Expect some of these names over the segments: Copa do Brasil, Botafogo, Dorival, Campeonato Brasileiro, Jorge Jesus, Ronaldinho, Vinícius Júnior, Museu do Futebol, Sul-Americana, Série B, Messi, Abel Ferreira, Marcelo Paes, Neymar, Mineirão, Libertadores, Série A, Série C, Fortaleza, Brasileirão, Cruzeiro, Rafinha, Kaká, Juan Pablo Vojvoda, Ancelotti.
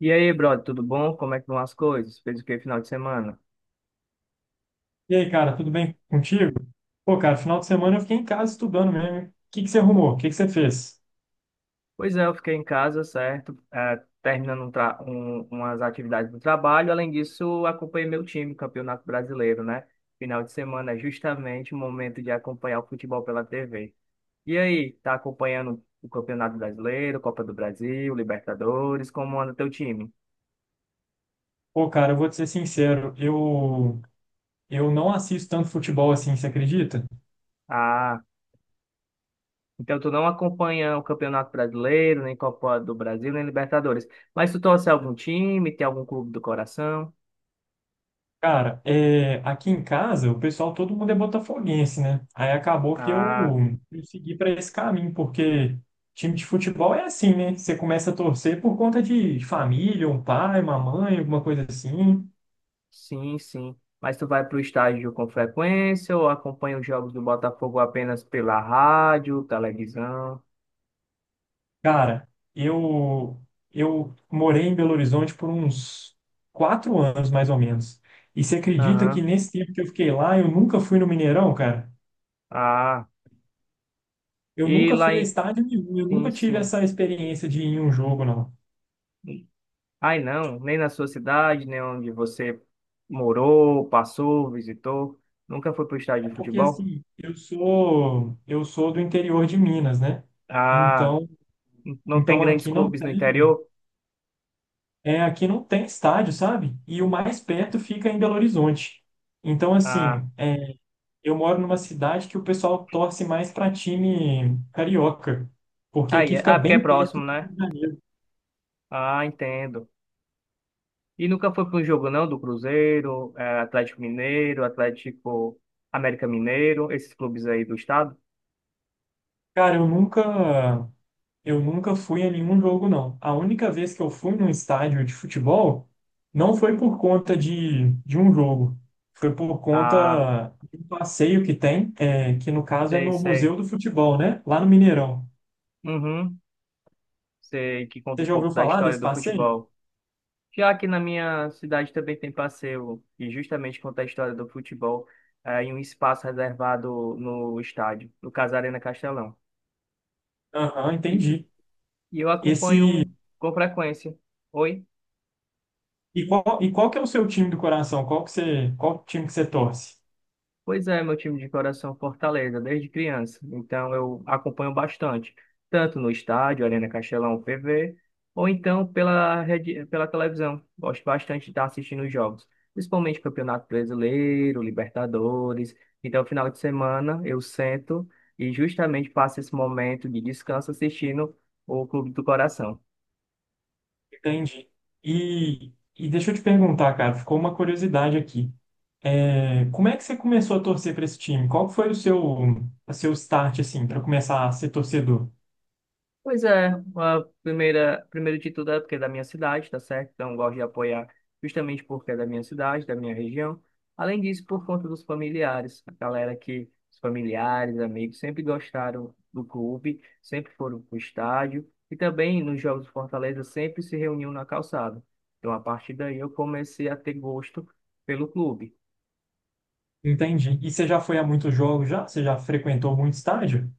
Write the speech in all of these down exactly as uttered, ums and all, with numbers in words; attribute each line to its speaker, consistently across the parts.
Speaker 1: E aí, brother, tudo bom? Como é que vão as coisas? Fez o que final de semana?
Speaker 2: E aí, cara, tudo bem contigo? Pô, cara, final de semana eu fiquei em casa estudando mesmo. O que que você arrumou? O que que você fez?
Speaker 1: Pois é, eu fiquei em casa, certo? Eh, terminando um tra- um- umas atividades do trabalho. Além disso, acompanhei meu time, Campeonato Brasileiro, né? Final de semana é justamente o momento de acompanhar o futebol pela T V. E aí, tá acompanhando o Campeonato Brasileiro, Copa do Brasil, Libertadores? Como anda teu time?
Speaker 2: Pô, cara, eu vou te ser sincero, eu, eu não assisto tanto futebol assim, você acredita?
Speaker 1: Ah, então tu não acompanha o Campeonato Brasileiro, nem Copa do Brasil, nem Libertadores. Mas tu torce algum time, tem algum clube do coração?
Speaker 2: Cara, é, aqui em casa o pessoal, todo mundo é botafoguense, né? Aí acabou que eu,
Speaker 1: Ah,
Speaker 2: eu segui para esse caminho, porque time de futebol é assim, né? Você começa a torcer por conta de família, um pai, uma mãe, alguma coisa assim.
Speaker 1: sim, sim. Mas tu vai para o estádio com frequência ou acompanha os jogos do Botafogo apenas pela rádio, televisão?
Speaker 2: Cara, eu eu morei em Belo Horizonte por uns quatro anos, mais ou menos. E você acredita que
Speaker 1: Aham.
Speaker 2: nesse tempo que eu fiquei lá, eu nunca fui no Mineirão, cara?
Speaker 1: Ah,
Speaker 2: Eu
Speaker 1: e
Speaker 2: nunca
Speaker 1: lá
Speaker 2: fui a
Speaker 1: em...
Speaker 2: estádio nenhum, eu
Speaker 1: Sim,
Speaker 2: nunca tive
Speaker 1: sim.
Speaker 2: essa experiência de ir em um jogo, não.
Speaker 1: Ai, não, nem na sua cidade, nem onde você morou, passou, visitou. Nunca foi para o estádio
Speaker 2: É
Speaker 1: de
Speaker 2: porque
Speaker 1: futebol?
Speaker 2: assim, eu sou eu sou do interior de Minas, né?
Speaker 1: Ah,
Speaker 2: Então,
Speaker 1: não tem
Speaker 2: então
Speaker 1: grandes
Speaker 2: aqui não
Speaker 1: clubes no
Speaker 2: tem.
Speaker 1: interior?
Speaker 2: É, aqui não tem estádio, sabe? E o mais perto fica em Belo Horizonte. Então,
Speaker 1: Ah,
Speaker 2: assim, é, eu moro numa cidade que o pessoal torce mais para time carioca, porque
Speaker 1: aí,
Speaker 2: aqui
Speaker 1: é-
Speaker 2: fica
Speaker 1: ah, porque é
Speaker 2: bem perto
Speaker 1: próximo,
Speaker 2: do Rio
Speaker 1: né?
Speaker 2: de Janeiro.
Speaker 1: Ah, entendo. E nunca foi para um jogo, não, do Cruzeiro, eh, Atlético Mineiro, Atlético América Mineiro, esses clubes aí do estado?
Speaker 2: Cara, eu nunca, eu nunca fui a nenhum jogo, não. A única vez que eu fui num estádio de futebol não foi por conta de, de um jogo, foi por
Speaker 1: Ah,
Speaker 2: conta de um passeio que tem, é, que no caso é
Speaker 1: sei,
Speaker 2: no
Speaker 1: sei.
Speaker 2: Museu do Futebol, né? Lá no Mineirão.
Speaker 1: Uhum, sei que conta
Speaker 2: Você
Speaker 1: um
Speaker 2: já ouviu
Speaker 1: pouco da
Speaker 2: falar
Speaker 1: história
Speaker 2: desse
Speaker 1: do
Speaker 2: passeio?
Speaker 1: futebol. Já que na minha cidade também tem passeio, e justamente conta a história do futebol, eh, em um espaço reservado no estádio, no caso Arena Castelão.
Speaker 2: Aham,
Speaker 1: E,
Speaker 2: entendi.
Speaker 1: e eu
Speaker 2: Esse
Speaker 1: acompanho com frequência. Oi?
Speaker 2: e qual e qual que é o seu time do coração? Qual que você qual time que você torce?
Speaker 1: Pois é, meu time de coração Fortaleza, desde criança. Então eu acompanho bastante, tanto no estádio, Arena Castelão, P V, ou então pela rede, pela televisão. Gosto bastante de estar assistindo os jogos, principalmente Campeonato Brasileiro, Libertadores. Então, final de semana, eu sento e justamente passo esse momento de descanso assistindo o Clube do Coração.
Speaker 2: Entendi. E e deixa eu te perguntar, cara, ficou uma curiosidade aqui. É, como é que você começou a torcer para esse time? Qual que foi o seu o seu start assim para começar a ser torcedor?
Speaker 1: Pois é, a primeira, primeiro de tudo é porque é da minha cidade, tá certo? Então, eu gosto de apoiar justamente porque é da minha cidade, da minha região. Além disso, por conta dos familiares, a galera que, os familiares, amigos, sempre gostaram do clube, sempre foram pro estádio e também nos Jogos do Fortaleza sempre se reuniam na calçada. Então, a partir daí, eu comecei a ter gosto pelo clube.
Speaker 2: Entendi. E você já foi a muitos jogos já? Você já frequentou muito estádio?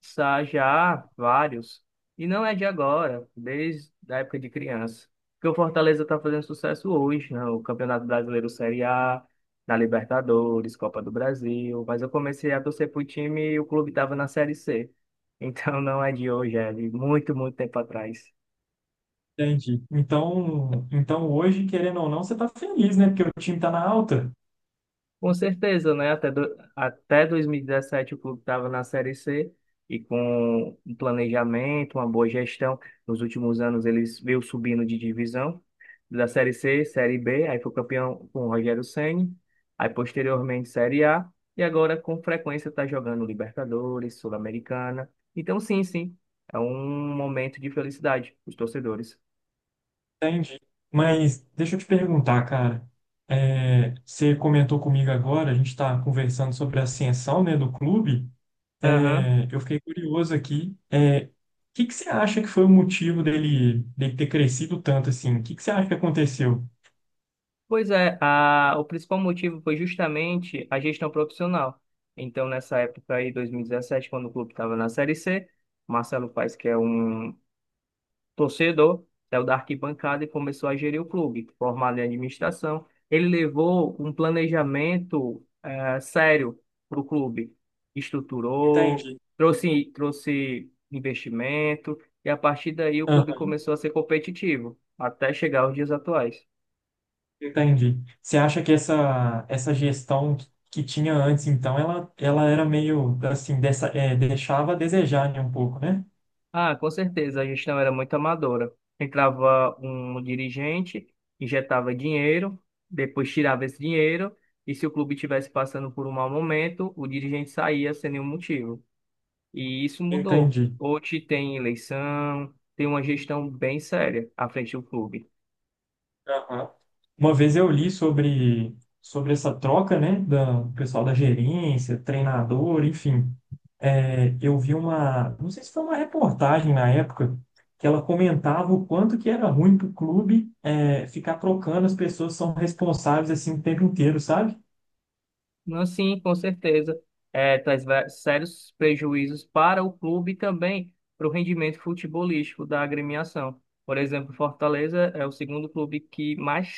Speaker 1: Sa- Já vários. E não é de agora, desde a época de criança. Porque o Fortaleza está fazendo sucesso hoje, né? O Campeonato Brasileiro Série A, na Libertadores, Copa do Brasil. Mas eu comecei a torcer para o time e o clube estava na Série C. Então não é de hoje, é de muito, muito tempo atrás.
Speaker 2: Entendi. Então, então hoje, querendo ou não, você tá feliz, né? Porque o time tá na alta.
Speaker 1: Com certeza, né? Até, do, até dois mil e dezessete o clube estava na Série C e com um planejamento, uma boa gestão, nos últimos anos eles veio subindo de divisão da Série C, Série B, aí foi campeão com o Rogério Ceni, aí posteriormente Série A e agora com frequência está jogando Libertadores, Sul-Americana. Então, sim, sim, é um momento de felicidade para os torcedores.
Speaker 2: Entendi. Mas deixa eu te perguntar, cara. É, você comentou comigo agora, a gente está conversando sobre a ascensão, né, do clube. É, eu fiquei curioso aqui. É, o que que você acha que foi o motivo dele, dele ter crescido tanto assim? O que que você acha que aconteceu?
Speaker 1: Pois é, a, o principal motivo foi justamente a gestão profissional. Então, nessa época aí, dois mil e dezessete, quando o clube estava na Série C, Marcelo Paes, que é um torcedor, saiu da arquibancada e começou a gerir o clube, formado em administração. Ele levou um planejamento eh, sério para o clube, estruturou,
Speaker 2: Entendi.
Speaker 1: trouxe, trouxe investimento, e a partir daí o clube começou a ser competitivo, até chegar aos dias atuais.
Speaker 2: Entendi. Você acha que essa, essa gestão que que tinha antes, então, ela, ela era meio, assim, dessa, é, deixava a desejar, né, um pouco, né?
Speaker 1: Ah, com certeza, a gestão era muito amadora. Entrava um dirigente, injetava dinheiro, depois tirava esse dinheiro, e se o clube estivesse passando por um mau momento, o dirigente saía sem nenhum motivo. E isso mudou.
Speaker 2: Entendi.
Speaker 1: Hoje tem eleição, tem uma gestão bem séria à frente do clube.
Speaker 2: Aham. Uma vez eu li sobre, sobre essa troca, né, da, do pessoal da gerência, treinador, enfim. É, eu vi uma, não sei se foi uma reportagem na época, que ela comentava o quanto que era ruim para o clube é, ficar trocando as pessoas que são responsáveis assim o tempo inteiro, sabe?
Speaker 1: Não, sim, com certeza. É, traz va- sérios prejuízos para o clube e também para o rendimento futebolístico da agremiação. Por exemplo, Fortaleza é o segundo clube que mais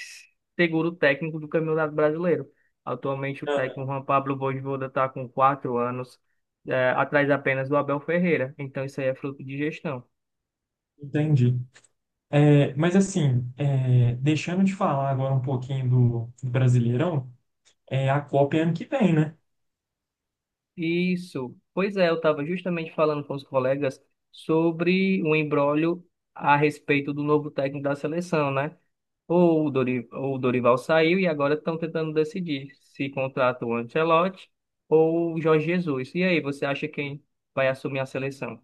Speaker 1: segura o técnico do Campeonato Brasileiro. Atualmente, o
Speaker 2: Aham.
Speaker 1: técnico Juan Pablo Vojvoda está com quatro anos, é, atrás apenas do Abel Ferreira. Então, isso aí é fruto de gestão.
Speaker 2: Entendi. É, mas assim, é, deixando de falar agora um pouquinho do, do Brasileirão, é, a Copa é ano que vem, né?
Speaker 1: Isso. Pois é, eu estava justamente falando com os colegas sobre o imbróglio a respeito do novo técnico da seleção, né? Ou o Dori- ou o Dorival saiu e agora estão tentando decidir se contrata o Ancelotti ou o Jorge Jesus. E aí, você acha quem vai assumir a seleção?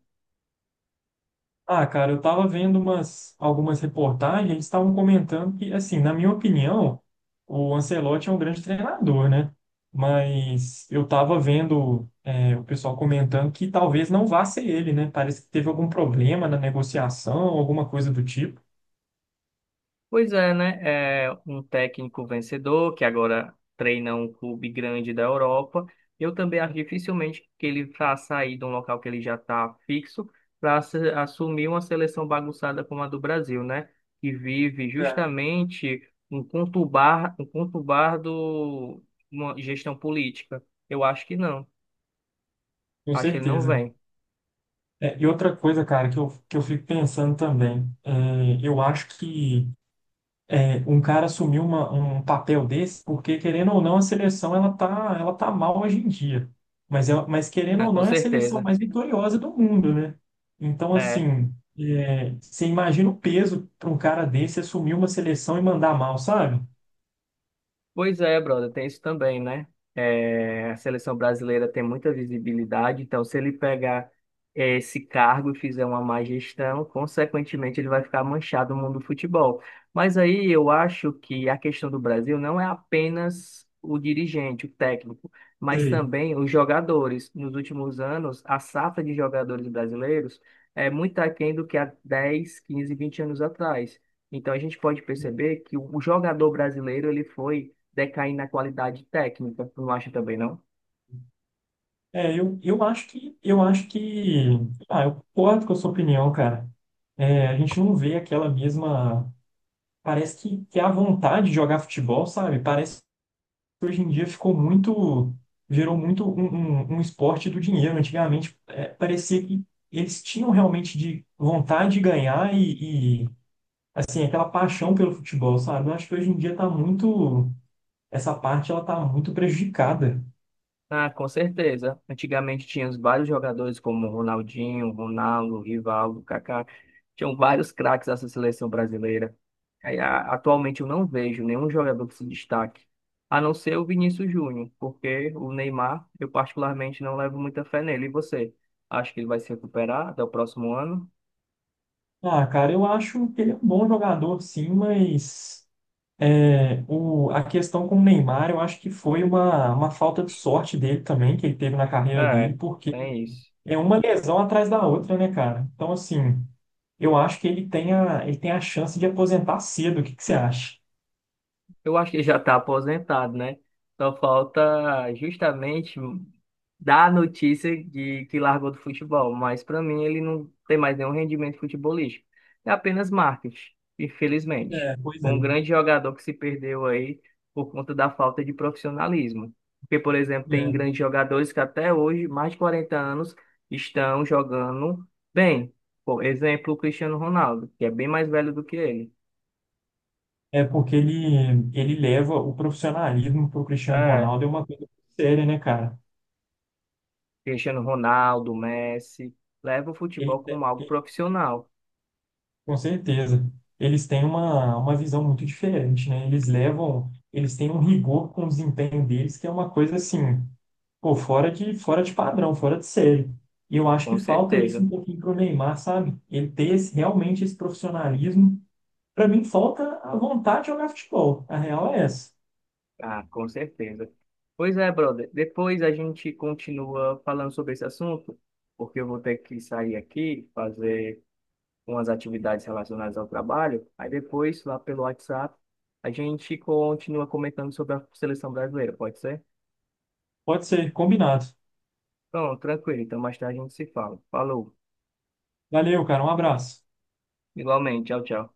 Speaker 2: Ah, cara, eu tava vendo umas, algumas reportagens, eles estavam comentando que, assim, na minha opinião, o Ancelotti é um grande treinador, né? Mas eu tava vendo, é, o pessoal comentando que talvez não vá ser ele, né? Parece que teve algum problema na negociação, alguma coisa do tipo.
Speaker 1: Pois é, né? É um técnico vencedor que agora treina um clube grande da Europa. Eu também acho dificilmente que ele vá sair de um local que ele já está fixo para assumir uma seleção bagunçada como a do Brasil, né? Que vive
Speaker 2: É.
Speaker 1: justamente um conturbar, um conturbado uma gestão política. Eu acho que não.
Speaker 2: Com
Speaker 1: Acho que ele não
Speaker 2: certeza.
Speaker 1: vem,
Speaker 2: É, e outra coisa, cara, que eu, que eu fico pensando também, é, eu acho que é, um cara assumir uma, um papel desse, porque querendo ou não, a seleção ela tá, ela tá mal hoje em dia. Mas, é, mas querendo
Speaker 1: né?
Speaker 2: ou
Speaker 1: Com
Speaker 2: não, é a seleção
Speaker 1: certeza.
Speaker 2: mais vitoriosa do mundo, né? Então,
Speaker 1: É.
Speaker 2: assim, é, você imagina o peso para um cara desse assumir uma seleção e mandar mal, sabe?
Speaker 1: Pois é, brother, tem isso também, né? É, a seleção brasileira tem muita visibilidade, então se ele pegar esse cargo e fizer uma má gestão, consequentemente ele vai ficar manchado no mundo do futebol. Mas aí eu acho que a questão do Brasil não é apenas o dirigente, o técnico, mas
Speaker 2: Sei.
Speaker 1: também os jogadores. Nos últimos anos, a safra de jogadores brasileiros é muito aquém do que há dez, quinze, vinte anos atrás. Então a gente pode perceber que o jogador brasileiro ele foi decair na qualidade técnica, tu não acha também, não?
Speaker 2: É, eu, eu acho que, eu acho que, ah, eu concordo com a sua opinião, cara. É, a gente não vê aquela mesma, parece que, que é a vontade de jogar futebol, sabe? Parece que hoje em dia ficou muito, virou muito um, um, um esporte do dinheiro. Antigamente, é, parecia que eles tinham realmente de vontade de ganhar e, e, assim, aquela paixão pelo futebol, sabe? Eu acho que hoje em dia tá muito, essa parte ela tá muito prejudicada.
Speaker 1: Ah, com certeza. Antigamente tinha os vários jogadores como Ronaldinho, Ronaldo, Rivaldo, Kaká. Tinham vários craques dessa seleção brasileira. Aí, a- atualmente eu não vejo nenhum jogador que se destaque, a não ser o Vinícius Júnior, porque o Neymar, eu particularmente não levo muita fé nele. E você? Acha que ele vai se recuperar até o próximo ano?
Speaker 2: Ah, cara, eu acho que ele é um bom jogador, sim, mas é, o, a questão com o Neymar, eu acho que foi uma, uma falta de sorte dele também, que ele teve na carreira dele,
Speaker 1: É, tem
Speaker 2: porque
Speaker 1: isso.
Speaker 2: é uma lesão atrás da outra, né, cara? Então, assim, eu acho que ele tem a, ele tem a chance de aposentar cedo. O que que você acha?
Speaker 1: Eu acho que ele já está aposentado, né? Só falta justamente dar a notícia de que largou do futebol, mas para mim ele não tem mais nenhum rendimento futebolístico. É apenas marketing, infelizmente.
Speaker 2: É, pois
Speaker 1: Foi
Speaker 2: é.
Speaker 1: um grande jogador que se perdeu aí por conta da falta de profissionalismo. Porque, por exemplo, tem grandes jogadores que até hoje, mais de quarenta anos, estão jogando bem. Por exemplo, o Cristiano Ronaldo, que é bem mais velho do que ele.
Speaker 2: É, é porque ele, ele leva o profissionalismo pro Cristiano
Speaker 1: É.
Speaker 2: Ronaldo, é uma coisa séria, né, cara?
Speaker 1: Cristiano Ronaldo, Messi, leva o futebol
Speaker 2: Ele,
Speaker 1: como algo profissional,
Speaker 2: com certeza. Eles têm uma, uma visão muito diferente, né? Eles levam, eles têm um rigor com o desempenho deles, que é uma coisa assim, pô, fora de, fora de padrão, fora de série. E eu acho que
Speaker 1: com
Speaker 2: falta isso
Speaker 1: certeza.
Speaker 2: um pouquinho pro Neymar, sabe? Ele ter esse- realmente esse profissionalismo. Para mim, falta a vontade de jogar futebol. A real é essa.
Speaker 1: Ah, com certeza. Pois é, brother. Depois a gente continua falando sobre esse assunto, porque eu vou ter que sair aqui, fazer umas atividades relacionadas ao trabalho. Aí depois, lá pelo WhatsApp, a gente continua comentando sobre a seleção brasileira, pode ser?
Speaker 2: Pode ser, combinado.
Speaker 1: Pronto, tranquilo. Então mais tarde a gente se fala. Falou.
Speaker 2: Valeu, cara. Um abraço.
Speaker 1: Igualmente, tchau, tchau.